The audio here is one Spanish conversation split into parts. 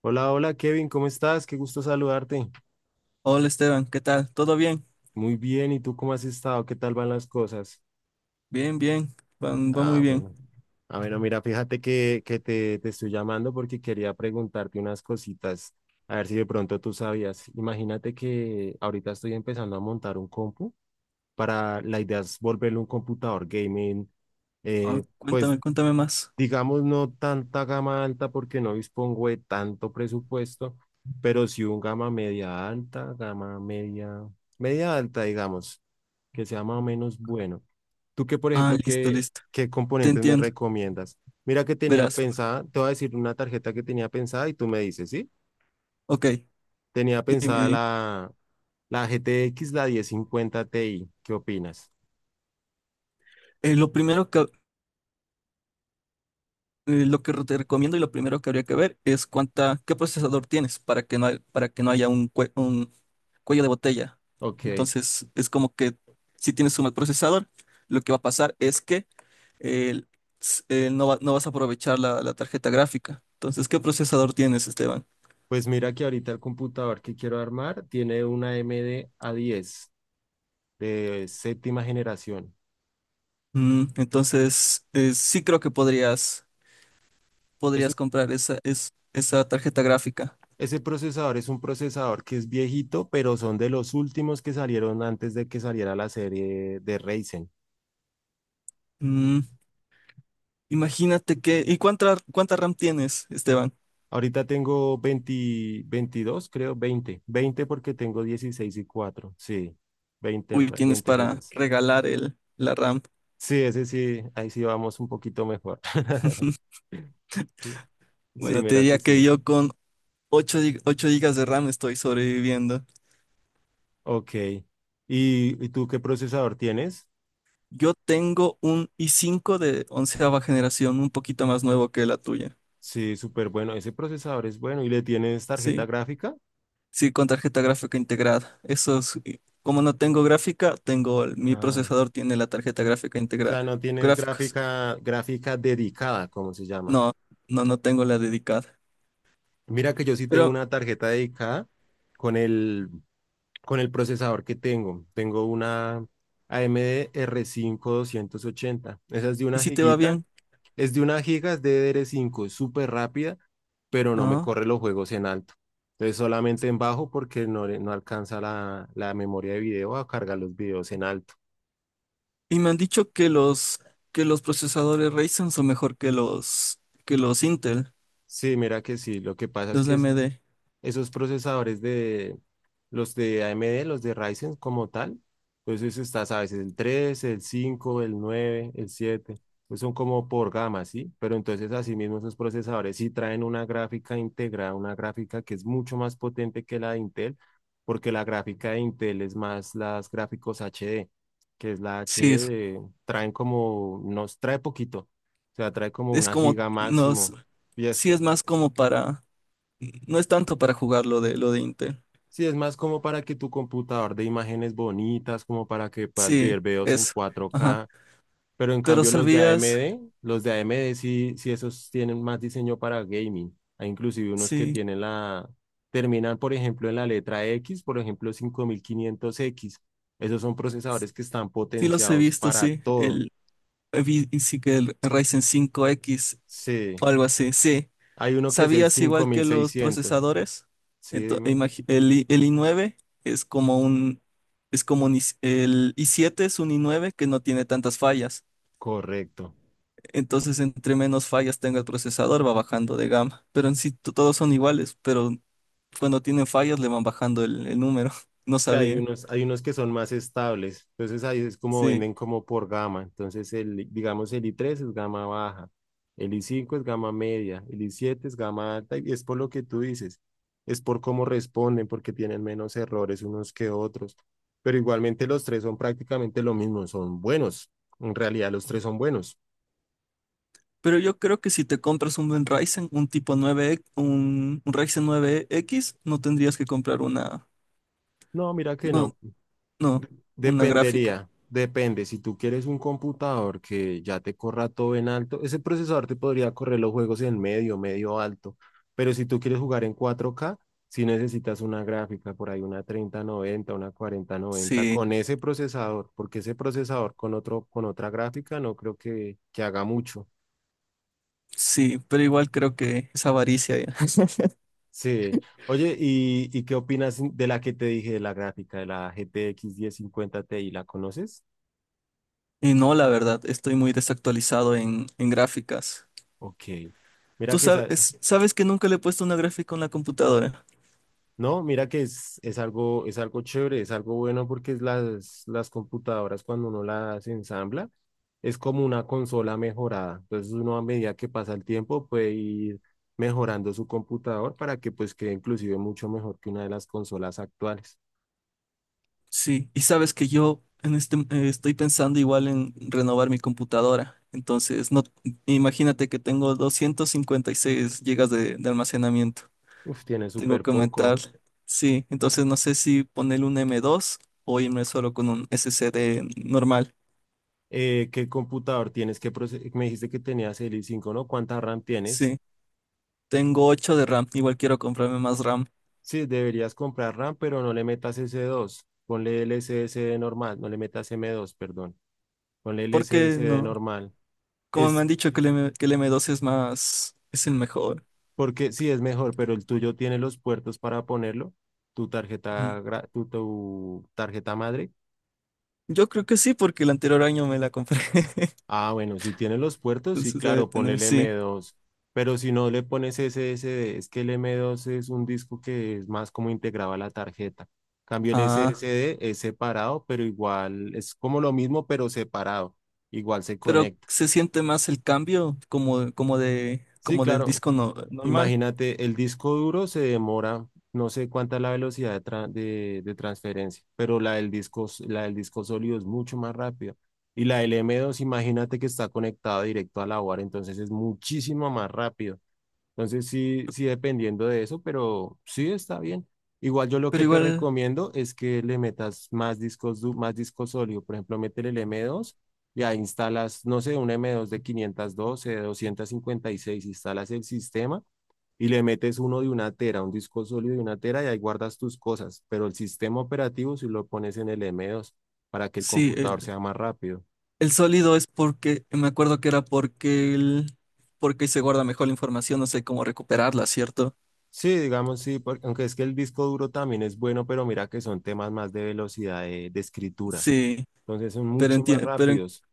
Hola, hola Kevin, ¿cómo estás? Qué gusto saludarte. Hola Esteban, ¿qué tal? ¿Todo bien? Muy bien, ¿y tú cómo has estado? ¿Qué tal van las cosas? Bien, bien, va muy Ah, bien. bueno. Ah, bueno, mira, fíjate que te estoy llamando porque quería preguntarte unas cositas, a ver si de pronto tú sabías. Imagínate que ahorita estoy empezando a montar un compu para, la idea es volverlo un computador gaming, Ah, eh, pues cuéntame, cuéntame más. digamos, no tanta gama alta porque no dispongo de tanto presupuesto, pero sí un gama media alta, gama media, media alta, digamos, que sea más o menos bueno. Tú qué por Ah, ejemplo, listo, qué, listo. qué Te componentes me entiendo. recomiendas? Mira que tenía Verás. pensada, te voy a decir una tarjeta que tenía pensada y tú me dices, ¿sí? Ok, Tenía dime, pensada dime. la GTX, la 1050 Ti, ¿qué opinas? Eh, lo primero que, lo que te recomiendo y lo primero que habría que ver es qué procesador tienes para que no haya un cuello de botella. Ok, Entonces, es como que si tienes un mal procesador, lo que va a pasar es que eh, no vas a aprovechar la tarjeta gráfica. Entonces, ¿qué procesador tienes, Esteban? pues mira que ahorita el computador que quiero armar tiene una A M AMD A10 de séptima generación. Entonces, sí creo que podrías, Es un- podrías comprar esa tarjeta gráfica. Ese procesador es un procesador que es viejito, pero son de los últimos que salieron antes de que saliera la serie de Ryzen. Mm, Imagínate que... ¿Y cuánta RAM tienes, Esteban? Ahorita tengo 20, 22 creo, 20 20 porque tengo 16 y cuatro. Sí, Uy, tienes 20 para gigas. regalar la RAM. Sí, ese sí, ahí sí vamos un poquito mejor. Sí, Bueno, te mira que diría que sí. yo con 8 gigas de RAM estoy sobreviviendo. Ok. ¿Y tú qué procesador tienes? Yo tengo un i5 de onceava generación, un poquito más nuevo que la tuya. Sí, súper bueno. Ese procesador es bueno. ¿Y le tienes tarjeta Sí, gráfica? sí, con tarjeta gráfica integrada. Eso es, como no tengo gráfica, mi Ah, o procesador tiene la tarjeta gráfica integrada. sea, no tienes Gráficos. gráfica, gráfica dedicada, como se llama. No, no, no tengo la dedicada. Mira que yo sí tengo Pero, una tarjeta dedicada con el procesador que tengo. Tengo una AMD r cinco doscientos ochenta. Esa es de ¿y una si te va giguita. bien? Es de una giga, es de DDR5, es súper rápida, pero no me Ah, corre los juegos en alto. Entonces solamente en bajo porque no alcanza la memoria de video a cargar los videos en alto. y me han dicho que los procesadores Ryzen son mejor que que los Intel, Sí, mira que sí. Lo que pasa es los de que AMD. esos procesadores de los de AMD, los de Ryzen como tal. Entonces está, sabes, el tres, el cinco, el nueve, el siete. Pues son como por gama, ¿sí? Pero entonces asimismo esos procesadores sí traen una gráfica integrada, una gráfica que es mucho más potente que la de Intel, porque la gráfica de Intel es más las gráficos HD, que es la Sí, HD, es, traen como, nos trae poquito, o sea, trae como es una como, giga máximo y sí eso. es más como no es tanto para jugar lo de Intel. Sí, es más como para que tu computador de imágenes bonitas, como para que puedas Sí, ver videos en eso. Ajá. 4K, pero en Pero cambio los de sabías, AMD, los de AMD sí, sí esos tienen más diseño para gaming. Hay inclusive unos que sí. tienen la, terminan por ejemplo en la letra X, por ejemplo 5500X. Esos son procesadores que están Sí los he potenciados visto, para sí. todo. Vi, sí que el Ryzen 5X Sí, o algo así, sí. hay uno que es el ¿Sabías igual que los 5600. procesadores? Sí, dime. El i9 es como un, el i7 es un i9 que no tiene tantas fallas. Correcto. Entonces, entre menos fallas tenga el procesador, va bajando de gama. Pero en sí todos son iguales, pero cuando tienen fallas le van bajando el número. No Sí, sabía. Hay unos que son más estables. Entonces ahí es como Sí. venden como por gama. Entonces el, digamos, el i3 es gama baja, el i5 es gama media, el i7 es gama alta y es por lo que tú dices. Es por cómo responden, porque tienen menos errores unos que otros. Pero igualmente los tres son prácticamente lo mismo, son buenos. En realidad los tres son buenos. Pero yo creo que si te compras un buen Ryzen, un tipo 9, un Ryzen 9X, no tendrías que comprar una, No, mira que no, no. no, De- una gráfica. Dependería, depende. Si tú quieres un computador que ya te corra todo en alto, ese procesador te podría correr los juegos en medio, medio alto. Pero si tú quieres jugar en 4K, si necesitas una gráfica, por ahí una 3090, una 4090, Sí, con ese procesador, porque ese procesador con otro, con otra gráfica no creo que haga mucho. sí, pero igual creo que es avaricia ya. Sí. Oye, ¿y qué opinas de la que te dije, de la gráfica, de la GTX 1050 Ti? ¿La conoces? Y no, la verdad, estoy muy desactualizado en, gráficas. Ok. Mira ¿Tú que esa, sabes que nunca le he puesto una gráfica en la computadora? no, mira que es algo, es algo chévere, es algo bueno porque es las computadoras cuando uno las ensambla es como una consola mejorada. Entonces uno a medida que pasa el tiempo puede ir mejorando su computador para que pues quede inclusive mucho mejor que una de las consolas actuales. Sí, y sabes que yo estoy pensando igual en renovar mi computadora. Entonces, no, imagínate que tengo 256 gigas de almacenamiento. Uf, tiene Tengo súper que aumentar. poco. Sí, entonces no sé si ponerle un M2 o irme solo con un SSD normal. ¿Qué computador tienes? Me dijiste que tenías el i5, ¿no? ¿Cuánta RAM tienes? Sí, tengo ocho de RAM. Igual quiero comprarme más RAM. Sí, deberías comprar RAM, pero no le metas S2. Ponle el S SSD normal, no le metas M2, perdón. Ponle el Porque SSD no, normal. como me Es han dicho que que el M2 es el mejor. porque sí es mejor, pero el tuyo tiene los puertos para ponerlo. Tu Ujú. tarjeta, tu tarjeta madre. Yo creo que sí, porque el anterior año me la compré. Ah, bueno, si tiene los puertos, sí, Entonces debe claro, ponle tener, el m sí. dos, Pero si no le pones SSD, es que el M2 es un disco que es más como integrado a la tarjeta. Cambio el Ah, SSD es separado, pero igual es como lo mismo, pero separado. Igual se pero conecta. se siente más el cambio Sí, como del claro. disco normal. Imagínate, el disco duro se demora, no sé cuánta es la velocidad de, de transferencia, pero la del disco, la del disco sólido es mucho más rápido. Y la del M2, imagínate que está conectada directo a la UAR, entonces es muchísimo más rápido. Entonces sí, sí dependiendo de eso, pero sí está bien. Igual yo lo Pero que te igual, recomiendo es que le metas más discos, más disco sólido. Por ejemplo, métele el M2 y ahí instalas, no sé, un M2 de 512, de 256, instalas el sistema y le metes uno de una tera, un disco sólido de una tera y ahí guardas tus cosas. Pero el sistema operativo si lo pones en el M2 para que el sí, computador el, sea más rápido. el sólido es porque, me acuerdo que era porque se guarda mejor la información, no sé cómo recuperarla, ¿cierto? Sí, digamos, sí, aunque es que el disco duro también es bueno, pero mira que son temas más de velocidad de escritura. Sí, Entonces son pero mucho más rápidos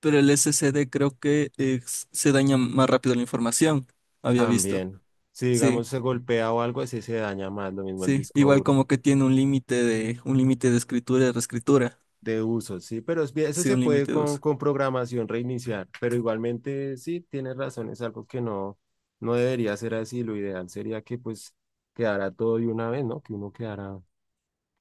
pero el SSD creo que se daña más rápido la información, había visto. también. Si, Sí, digamos, se golpea o algo, así se daña más, lo mismo el sí. disco Igual duro como que tiene un límite de escritura y reescritura. de uso, sí, pero es eso Sí, se un puede límite de uso. con programación reiniciar, pero igualmente sí, tienes razón, es algo que no, no debería ser así. Lo ideal sería que pues quedara todo de una vez, ¿no? Que uno quedara...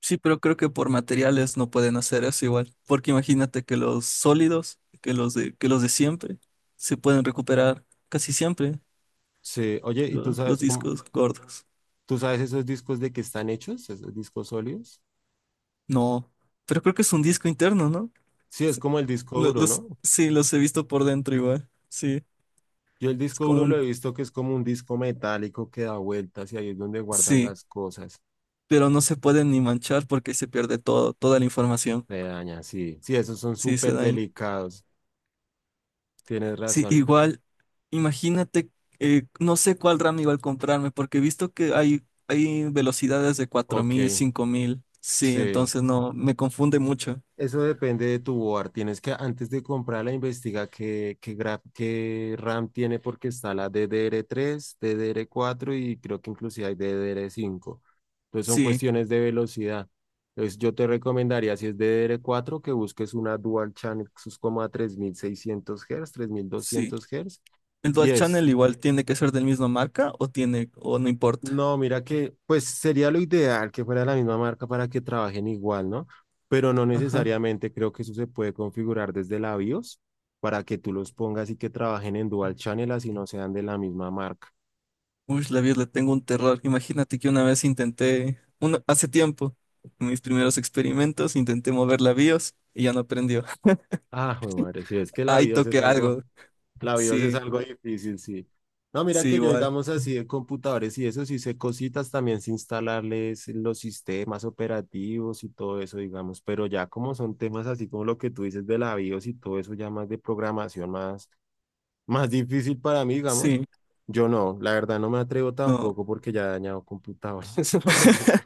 Sí, pero creo que por materiales no pueden hacer eso igual, porque imagínate que que los de siempre, se pueden recuperar casi siempre Sí, oye, ¿y tú los sabes cómo, discos gordos. tú sabes esos discos de qué están hechos, esos discos sólidos? No, pero creo que es un disco interno, ¿no? Sí, es Sí, como el disco duro, ¿no? sí, los he visto por dentro igual, sí, Yo el es disco como duro lo un, he visto que es como un disco metálico que da vueltas y ahí es donde guardan sí, las cosas. pero no se pueden ni manchar porque se pierde toda la información, Se daña, sí. Sí, esos son sí, se súper daña. delicados. Tienes Sí, razón. igual, imagínate, no sé cuál RAM igual comprarme, porque he visto que hay velocidades de cuatro Ok, mil 5.000. Sí, sí. entonces no, me confunde mucho. Eso depende de tu board. Tienes que, antes de comprarla, investiga qué, qué RAM tiene porque está la DDR3, DDR4 y creo que inclusive hay DDR5. Entonces son Sí, cuestiones de velocidad. Entonces yo te recomendaría, si es DDR4, que busques una Dual Channel 3.3600 Hz, tres mil sí. doscientos Hz. ¿El Y Dual es Channel igual tiene que ser del mismo marca o o no importa? No, mira que, pues sería lo ideal que fuera la misma marca para que trabajen igual, ¿no? Pero no Ajá. necesariamente, creo que eso se puede configurar desde la BIOS para que tú los pongas y que trabajen en dual channel, así no sean de la misma marca. Uy, la vida, le tengo un terror. Imagínate que una vez intenté, hace tiempo, en mis primeros experimentos, intenté mover la BIOS y ya no prendió. Ah, jue madre, si es que la Ahí BIOS toqué es algo. algo. La BIOS es Sí, algo difícil, sí. No, mira sí, que yo, igual. digamos así, de computadores y eso, sí sé cositas también, sé instalarles los sistemas operativos y todo eso, digamos, pero ya como son temas así como lo que tú dices de la BIOS y todo eso, ya más de programación, más, más difícil para mí, digamos, Sí, yo no, la verdad no me atrevo no. tampoco porque ya he dañado computadores, eso es lo mismo.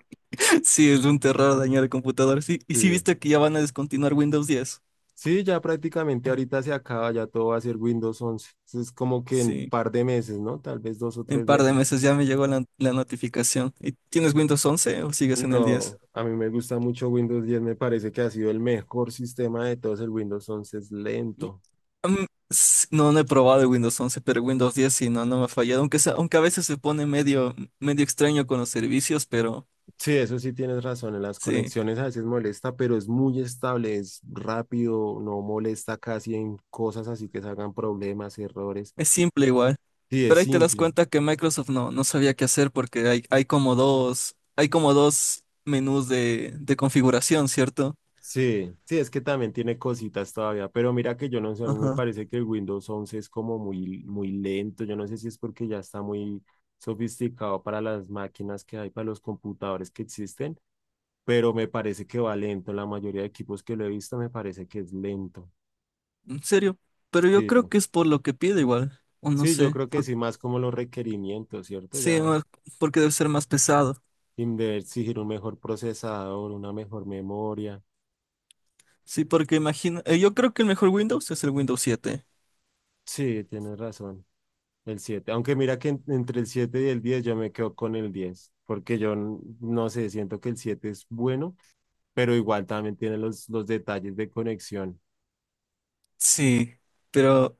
Sí, es un terror dañar el computador. Sí, y sí Sí. viste que ya van a descontinuar Windows 10. Sí, ya prácticamente ahorita se acaba, ya todo va a ser Windows 11, es como que en Sí, par de meses, ¿no? Tal vez dos o en un tres par de meses. meses ya me llegó la notificación. ¿Y tienes Windows 11 o sigues en el 10? No, a mí me gusta mucho Windows 10. Me parece que ha sido el mejor sistema de todos. El Windows 11 es Y, lento. mm, no, no he probado el Windows 11, pero Windows 10 sí, no, no me ha fallado. Aunque a veces se pone medio, medio extraño con los servicios, pero Sí, eso sí tienes razón, en las sí, conexiones a veces molesta, pero es muy estable, es rápido, no molesta casi en cosas así que salgan problemas, errores. es simple igual. Sí, es Pero ahí te das simple. cuenta que Microsoft no, no sabía qué hacer porque hay como dos menús de configuración, ¿cierto? Sí, sí, es que también tiene cositas todavía, pero mira que yo no sé, a mí me Ajá. parece que el Windows once es como muy, muy lento. Yo no sé si es porque ya está muy sofisticado para las máquinas que hay, para los computadores que existen, pero me parece que va lento. La mayoría de equipos que lo he visto me parece que es lento. En serio. Pero yo Sí, creo que es por lo que pide igual, o no sí, yo sé. creo que sí, más como los requerimientos, ¿cierto? Sí, Ya porque debe ser más pesado. De exigir un mejor procesador, una mejor memoria. Sí, porque imagino, yo creo que el mejor Windows es el Windows 7. Sí, tienes razón. El siete. Aunque mira que entre el siete y el 10 yo me quedo con el 10 porque yo no sé, siento que el siete es bueno, pero igual también tiene los detalles de conexión. Sí, pero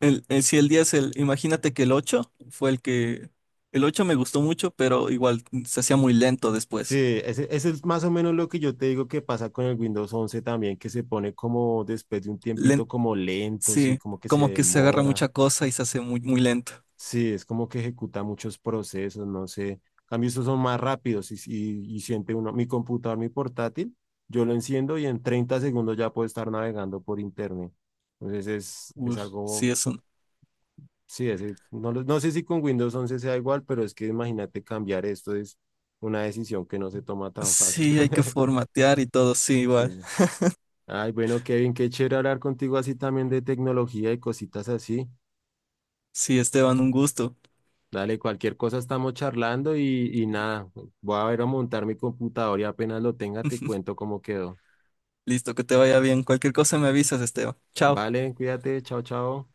el, eh, si el 10, el, imagínate que el 8 fue el que... El 8 me gustó mucho, pero igual se hacía muy lento después. Sí, ese es más o menos lo que yo te digo que pasa con el Windows 11 también, que se pone como después de un Len- tiempito como lento, sí, sí, como que se como que se agarra demora. mucha cosa y se hace muy, muy lento. Sí, es como que ejecuta muchos procesos, no sé. En cambio, estos son más rápidos y, y siente uno, mi computador, mi portátil, yo lo enciendo y en 30 segundos ya puedo estar navegando por internet. Entonces es Uf, algo, sí, es un... sí, no, no sé si con Windows 11 sea igual, pero es que imagínate cambiar esto es una decisión que no se toma tan fácil. Sí, hay que formatear y todo, sí, Sí. igual. Ay, bueno, Kevin, qué chévere hablar contigo así también de tecnología y cositas así. Sí, Esteban, un gusto. Dale, cualquier cosa estamos charlando y nada, voy a ver a montar mi computador y apenas lo tenga te cuento cómo quedó. Listo, que te vaya bien. Cualquier cosa me avisas, Esteban. Chao. Vale, cuídate, chao, chao.